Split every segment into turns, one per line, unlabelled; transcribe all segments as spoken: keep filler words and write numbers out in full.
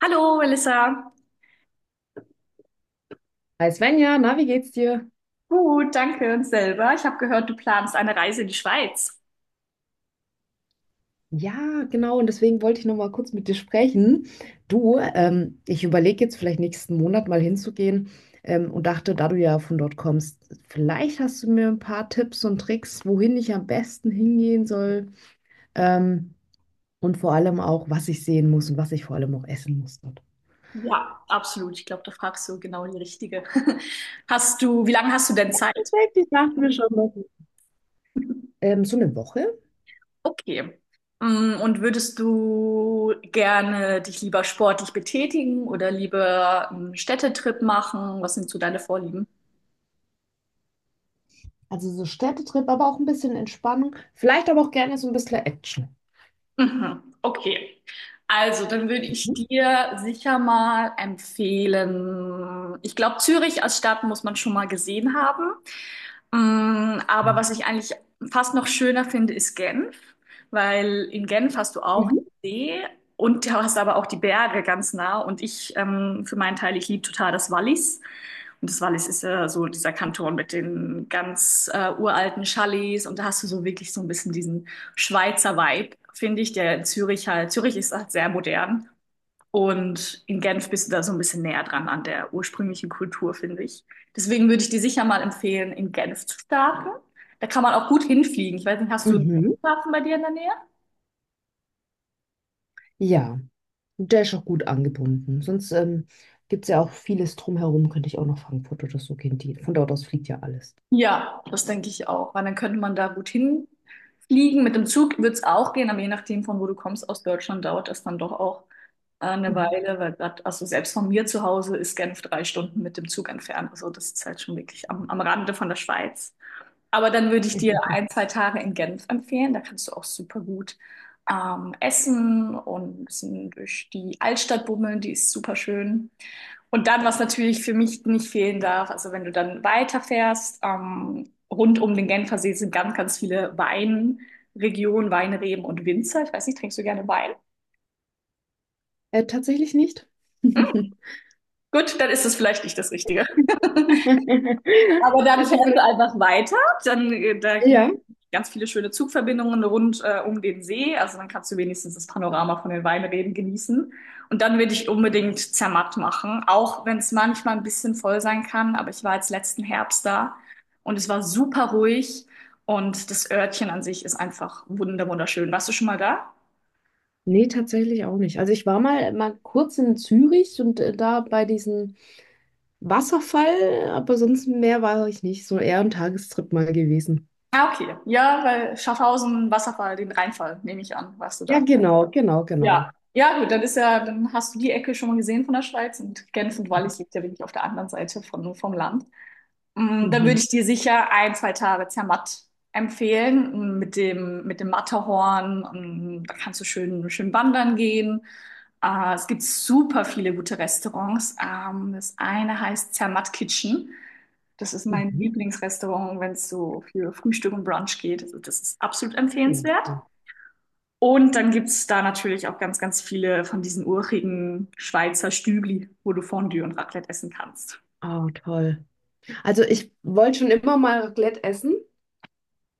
Hallo, Melissa.
Hi Svenja, na, wie geht's dir?
Gut, danke und selber. Ich habe gehört, du planst eine Reise in die Schweiz.
Ja, genau, und deswegen wollte ich noch mal kurz mit dir sprechen. Du, ähm, ich überlege jetzt vielleicht nächsten Monat mal hinzugehen, ähm, und dachte, da du ja von dort kommst, vielleicht hast du mir ein paar Tipps und Tricks, wohin ich am besten hingehen soll, ähm, und vor allem auch, was ich sehen muss und was ich vor allem auch essen muss dort.
Ja, absolut. Ich glaube, da fragst du genau die Richtige. Hast du, wie lange hast du denn Zeit?
Ich dachte mir schon, dass- Ähm, so eine Woche,
Okay. Mm, Und würdest du gerne dich lieber sportlich betätigen oder lieber einen Städtetrip machen? Was sind so deine Vorlieben?
also so Städtetrip, aber auch ein bisschen Entspannung, vielleicht aber auch gerne so ein bisschen Action.
Mhm. Okay. Also, dann würde ich
Mhm.
dir sicher mal empfehlen. Ich glaube, Zürich als Stadt muss man schon mal gesehen haben. Mm, Aber was ich eigentlich fast noch schöner finde, ist Genf, weil in Genf hast du auch
Mhm.
die See und du hast aber auch die Berge ganz nah. Und ich, ähm, für meinen Teil, ich liebe total das Wallis. Und das Wallis ist ja so dieser Kanton mit den ganz äh, uralten Chalets. Und da hast du so wirklich so ein bisschen diesen Schweizer Vibe, finde ich, der in Zürich halt. Zürich ist halt sehr modern. Und in Genf bist du da so ein bisschen näher dran an der ursprünglichen Kultur, finde ich. Deswegen würde ich dir sicher mal empfehlen, in Genf zu starten. Da kann man auch gut hinfliegen. Ich weiß nicht, hast du einen
Mhm.
Flughafen bei dir in der Nähe?
Ja. Der ist auch gut angebunden. Sonst ähm, gibt es ja auch vieles drumherum, könnte ich auch nach Frankfurt oder so gehen. Die, von dort aus fliegt ja alles.
Ja, das denke ich auch, weil dann könnte man da gut hinfliegen. Mit dem Zug wird es auch gehen, aber je nachdem, von wo du kommst, aus Deutschland dauert das dann doch auch äh, eine
Mhm.
Weile, weil grad, also selbst von mir zu Hause ist Genf drei Stunden mit dem Zug entfernt. Also das ist halt schon wirklich am, am Rande von der Schweiz. Aber dann würde ich dir ein, zwei Tage in Genf empfehlen. Da kannst du auch super gut ähm, essen und ein bisschen durch die Altstadt bummeln. Die ist super schön. Und dann, was natürlich für mich nicht fehlen darf, also wenn du dann weiterfährst, ähm, rund um den Genfersee sind ganz, ganz viele Weinregionen, Weinreben und Winzer. Ich weiß nicht, trinkst du gerne Wein?
Äh, tatsächlich nicht.
Gut, dann ist es vielleicht nicht das Richtige. Aber dann
Also
fährst du
vielleicht,
einfach weiter. Dann, äh, da gibt
ja.
es ganz viele schöne Zugverbindungen rund äh, um den See. Also dann kannst du wenigstens das Panorama von den Weinreben genießen. Und dann würde ich unbedingt Zermatt machen, auch wenn es manchmal ein bisschen voll sein kann. Aber ich war jetzt letzten Herbst da und es war super ruhig. Und das Örtchen an sich ist einfach wunder wunderschön. Warst du schon mal da?
Nee, tatsächlich auch nicht. Also ich war mal, mal kurz in Zürich und äh, da bei diesem Wasserfall, aber sonst mehr war ich nicht. So eher ein Tagestrip mal gewesen.
Ah, okay. Ja, weil Schaffhausen, Wasserfall, den Rheinfall, nehme ich an, warst du
Ja,
da.
genau, genau,
Ja.
genau.
Ja, gut, dann ist ja, dann hast du die Ecke schon mal gesehen von der Schweiz und Genf und
Mhm.
Wallis liegt ja wirklich auf der anderen Seite von, vom Land. Mm, Dann würde
Mhm.
ich dir sicher ein, zwei Tage Zermatt empfehlen mm, mit dem, mit dem Matterhorn. Mm, Da kannst du schön, schön wandern gehen. Äh, es gibt super viele gute Restaurants. Ähm, das eine heißt Zermatt Kitchen. Das ist mein
Mhm.
Lieblingsrestaurant, wenn es so für Frühstück und Brunch geht. Also das ist absolut
Ja,
empfehlenswert.
ja.
Und dann gibt's da natürlich auch ganz, ganz viele von diesen urigen Schweizer Stügli, wo du Fondue und Raclette essen kannst.
Ah, toll. Also ich wollte schon immer mal Raclette essen.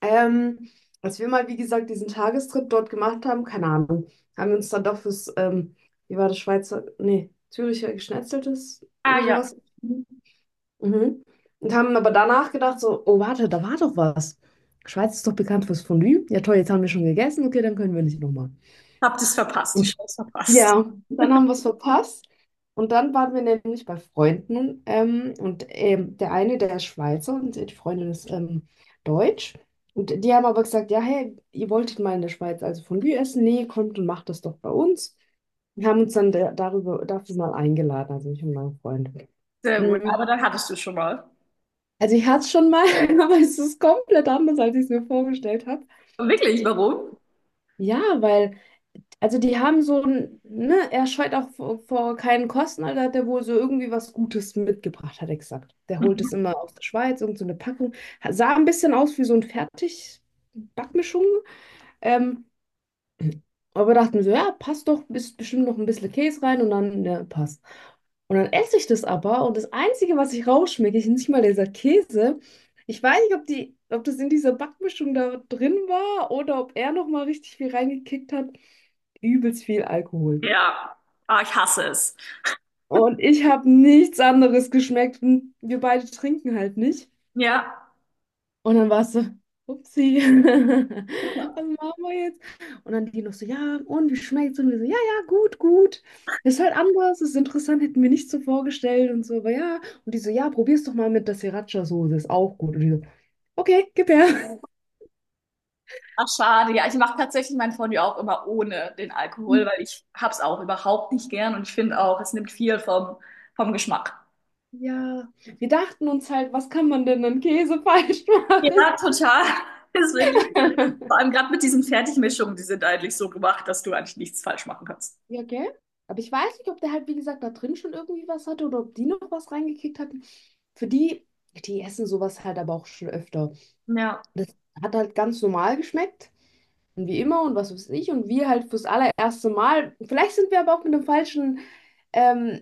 Ähm, als wir mal, wie gesagt, diesen Tagestrip dort gemacht haben, keine Ahnung, haben wir uns dann doch fürs, ähm, wie war das Schweizer, nee, Züricher Geschnetzeltes
Ah
oder
ja,
sowas. Mhm. Und haben aber danach gedacht, so, oh, warte, da war doch was. Schweiz ist doch bekannt fürs Fondue. Ja, toll, jetzt haben wir schon gegessen. Okay, dann können wir nicht nochmal.
hab das verpasst, die Chance verpasst.
Ja, dann haben wir es verpasst. Und dann waren wir nämlich bei Freunden. Ähm, und ähm, der eine, der ist Schweizer und die Freundin ist ähm, Deutsch. Und die haben aber gesagt, ja, hey, ihr wolltet mal in der Schweiz also Fondue essen? Nee, kommt und macht das doch bei uns. Wir haben uns dann da- darüber, dafür mal eingeladen, also ich und mein Freund.
Sehr gut,
Mm,
aber dann hattest du schon mal.
Also ich hatte es schon mal, aber es ist komplett anders, als ich es mir vorgestellt habe.
Wirklich, warum?
Ja, weil... Also die haben so ein, ne, er scheut auch vor, vor keinen Kosten, also hat er wohl so irgendwie was Gutes mitgebracht, hat er gesagt. Der holt es
Mhm.
immer aus der Schweiz, irgend so eine Packung. Sah ein bisschen aus wie so ein Fertig-Backmischung. Ähm, aber dachten wir so, ja, passt doch, ist bestimmt noch ein bisschen Käse rein und dann, ja, passt. Und dann esse ich das aber und das Einzige, was ich rausschmecke, ist nicht mal dieser Käse. Ich weiß nicht, ob die, ob das in dieser Backmischung da drin war oder ob er nochmal richtig viel reingekickt hat. Übelst viel Alkohol.
Ja, ah, ich hasse es.
Und ich habe nichts anderes geschmeckt und wir beide trinken halt nicht.
Ja.
Und dann war es so, upsie, was machen wir jetzt? Und dann die noch so, ja, und wie schmeckt's? Und wir so, ja, ja, gut, gut. Ist halt anders, ist interessant, hätten wir nicht so vorgestellt und so, aber ja. Und die so, ja, probier's doch mal mit der Sriracha-Soße, ist auch gut. Und die so, okay, gib her.
Ach, schade. Ja, ich mache tatsächlich mein Fondue auch immer ohne den Alkohol, weil ich hab's auch überhaupt nicht gern und ich finde auch, es nimmt viel vom, vom Geschmack.
Ja, wir dachten uns halt, was kann man denn an Käse falsch
Ja,
machen?
total. Ist wirklich, so. Vor allem gerade mit diesen Fertigmischungen, die sind eigentlich so gemacht, dass du eigentlich nichts falsch machen kannst.
Ja, gell? Aber ich weiß nicht, ob der halt, wie gesagt, da drin schon irgendwie was hatte oder ob die noch was reingekickt hatten. Für die, die essen sowas halt aber auch schon öfter.
Ja.
Das hat halt ganz normal geschmeckt und wie immer und was weiß ich und wir halt fürs allererste Mal, vielleicht sind wir aber auch mit einer falschen ähm,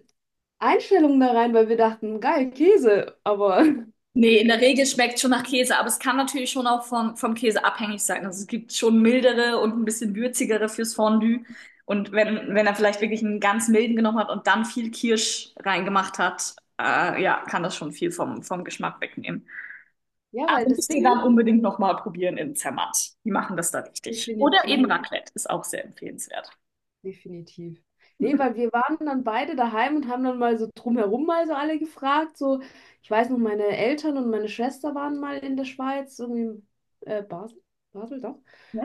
Einstellung da rein, weil wir dachten, geil, Käse, aber
Nee, in der Regel schmeckt schon nach Käse, aber es kann natürlich schon auch vom, vom Käse abhängig sein. Also es gibt schon mildere und ein bisschen würzigere fürs Fondue. Und wenn, wenn er vielleicht wirklich einen ganz milden genommen hat und dann viel Kirsch reingemacht hat, äh, ja, kann das schon viel vom, vom Geschmack wegnehmen.
ja, weil
Also
das
müsst ihr
Ding
dann
ist,
unbedingt nochmal probieren im Zermatt. Die machen das da richtig. Oder eben
definitiv,
Raclette ist auch sehr empfehlenswert.
definitiv. Nee, weil wir waren dann beide daheim und haben dann mal so drumherum mal so alle gefragt, so, ich weiß noch, meine Eltern und meine Schwester waren mal in der Schweiz, irgendwie in äh, Basel, Basel, doch.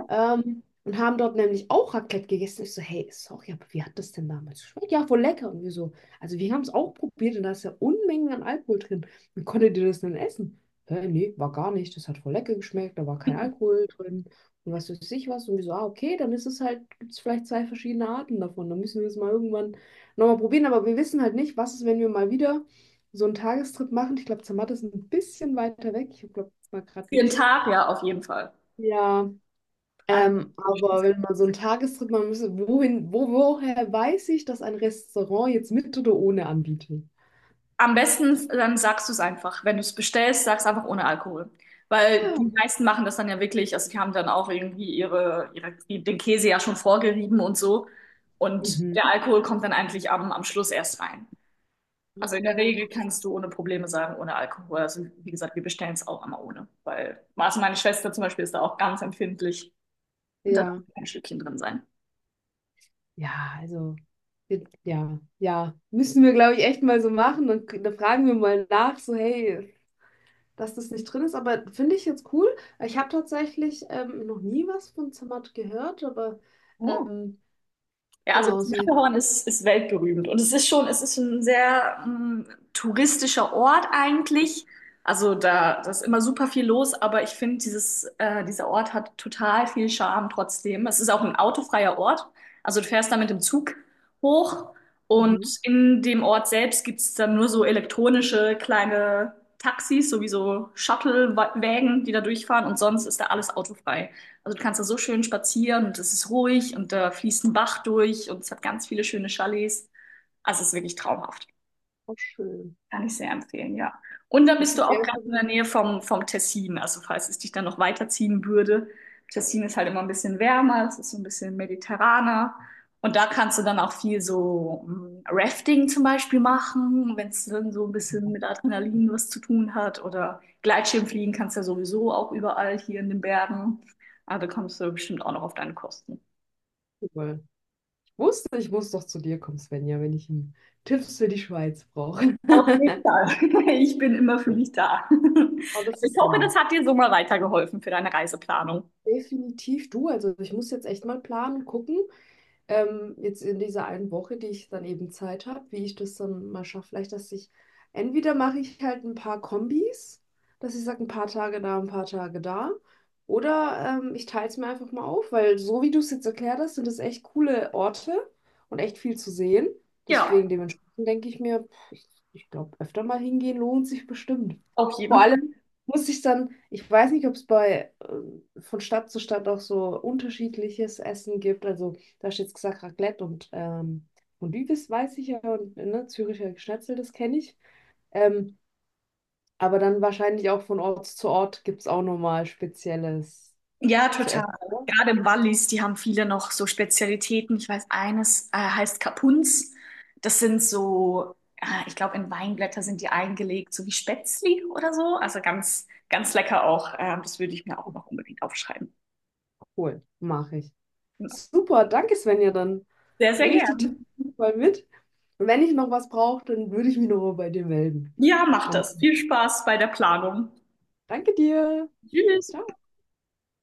Ähm, und haben dort nämlich auch Raclette gegessen. Ich so, hey, sorry, aber wie hat das denn damals geschmeckt? Ja, voll lecker. Und wir so, also wir haben es auch probiert und da ist ja Unmengen an Alkohol drin. Wie konntet ihr das denn essen? Hä, nee, war gar nicht. Das hat voll lecker geschmeckt, da war kein Alkohol drin. Und was weiß ich was. Und wir so, ah, okay, dann ist es halt, gibt es vielleicht zwei verschiedene Arten davon. Dann müssen wir es mal irgendwann nochmal probieren. Aber wir wissen halt nicht, was ist, wenn wir mal wieder so einen Tagestrip machen. Ich glaube, Zermatt ist ein bisschen weiter weg. Ich habe, glaube, mal gerade
Für den
geguckt.
Tag, ja, auf jeden Fall.
Ja.
Also,
Ähm, aber wenn man so einen Tagestrip machen müsste, wohin, wo, woher weiß ich, dass ein Restaurant jetzt mit oder ohne anbietet?
am besten, dann sagst du es einfach. Wenn du es bestellst, sagst einfach ohne Alkohol. Weil die
Ja.
meisten machen das dann ja wirklich, also die haben dann auch irgendwie ihre, ihre, den Käse ja schon vorgerieben und so. Und
Mhm.
der Alkohol kommt dann eigentlich am, am Schluss erst rein. Also in der Regel
Äh,
kannst du ohne Probleme sagen, ohne Alkohol. Also wie gesagt, wir bestellen es auch immer ohne. Weil, also meine Schwester zum Beispiel ist da auch ganz empfindlich. Und da darf
Ja,
kein Stückchen drin sein.
ja, also, wir- ja, ja, müssen wir, glaube ich, echt mal so machen. Dann, k- dann fragen wir mal nach, so, hey, dass das nicht drin ist. Aber finde ich jetzt cool. Ich habe tatsächlich ähm, noch nie was von Zermatt gehört, aber
Hm.
ähm,
Ja, also
genau,
das
so jetzt.
Matterhorn ist, ist weltberühmt und es ist schon, es ist ein sehr ähm, touristischer Ort eigentlich. Also da, da ist immer super viel los, aber ich finde, dieses, äh, dieser Ort hat total viel Charme trotzdem. Es ist auch ein autofreier Ort. Also du fährst da mit dem Zug hoch und
Mhm.
in dem Ort selbst gibt es dann nur so elektronische kleine Taxis, sowieso Shuttle-Wägen, die da durchfahren und sonst ist da alles autofrei. Also du kannst da so schön spazieren und es ist ruhig und da fließt ein Bach durch und es hat ganz viele schöne Chalets. Also es ist wirklich traumhaft.
Auch schön.
Kann ich sehr empfehlen, ja. Und dann
Es
bist du
gibt ja
auch ganz in der Nähe vom, vom Tessin. Also falls es dich dann noch weiterziehen würde. Tessin ist halt immer ein bisschen wärmer, es ist so ein bisschen mediterraner. Und da kannst du dann auch viel so mm, Rafting zum Beispiel machen, wenn es dann so ein bisschen mit
öfter.
Adrenalin was zu tun hat. Oder Gleitschirmfliegen kannst du ja sowieso auch überall hier in den Bergen. Also da kommst du bestimmt auch noch auf deine Kosten.
Wusste, ich muss doch zu dir kommen, Svenja, wenn ich einen Tipps für die Schweiz brauche.
Auf jeden Fall. Ich bin immer für dich da.
Oh,
Aber
das
ich
ist dann
hoffe, das
lieb.
hat dir so mal weitergeholfen für deine Reiseplanung.
Definitiv du. Also ich muss jetzt echt mal planen, gucken. Ähm, jetzt in dieser einen Woche, die ich dann eben Zeit habe, wie ich das dann mal schaffe. Vielleicht, dass ich, entweder mache ich halt ein paar Kombis, dass ich sage, ein paar Tage da, ein paar Tage da. Oder ähm, ich teile es mir einfach mal auf, weil so wie du es jetzt erklärt hast, sind das echt coole Orte und echt viel zu sehen.
Ja,
Deswegen dementsprechend denke ich mir, pff, ich, ich glaube, öfter mal hingehen lohnt sich bestimmt.
auf
Vor
jeden Fall.
allem muss ich dann, ich weiß nicht, ob es bei ähm, von Stadt zu Stadt auch so unterschiedliches Essen gibt. Also du hast jetzt gesagt, Raclette und ähm, Fondue, weiß ich ja, und ne, Züricher Schnitzel, das kenne ich. Ähm, aber dann wahrscheinlich auch von Ort zu Ort gibt es auch nochmal Spezielles
Ja,
zu
total.
essen. Oder?
Gerade im Wallis, die haben viele noch so Spezialitäten. Ich weiß, eines äh, heißt Kapunz. Das sind so, äh, ich glaube, in Weinblätter sind die eingelegt, so wie Spätzli oder so. Also ganz, ganz lecker auch. Ähm, das würde ich mir auch noch unbedingt aufschreiben.
Cool, mache ich.
Genau.
Super, danke Svenja, dann
Sehr, sehr
nehme ich die Tipps
gern.
mal mit. Und wenn ich noch was brauche, dann würde ich mich nochmal bei dir melden.
Ja, macht
Dann
das. Viel Spaß bei der Planung.
danke dir.
Tschüss.
Ciao.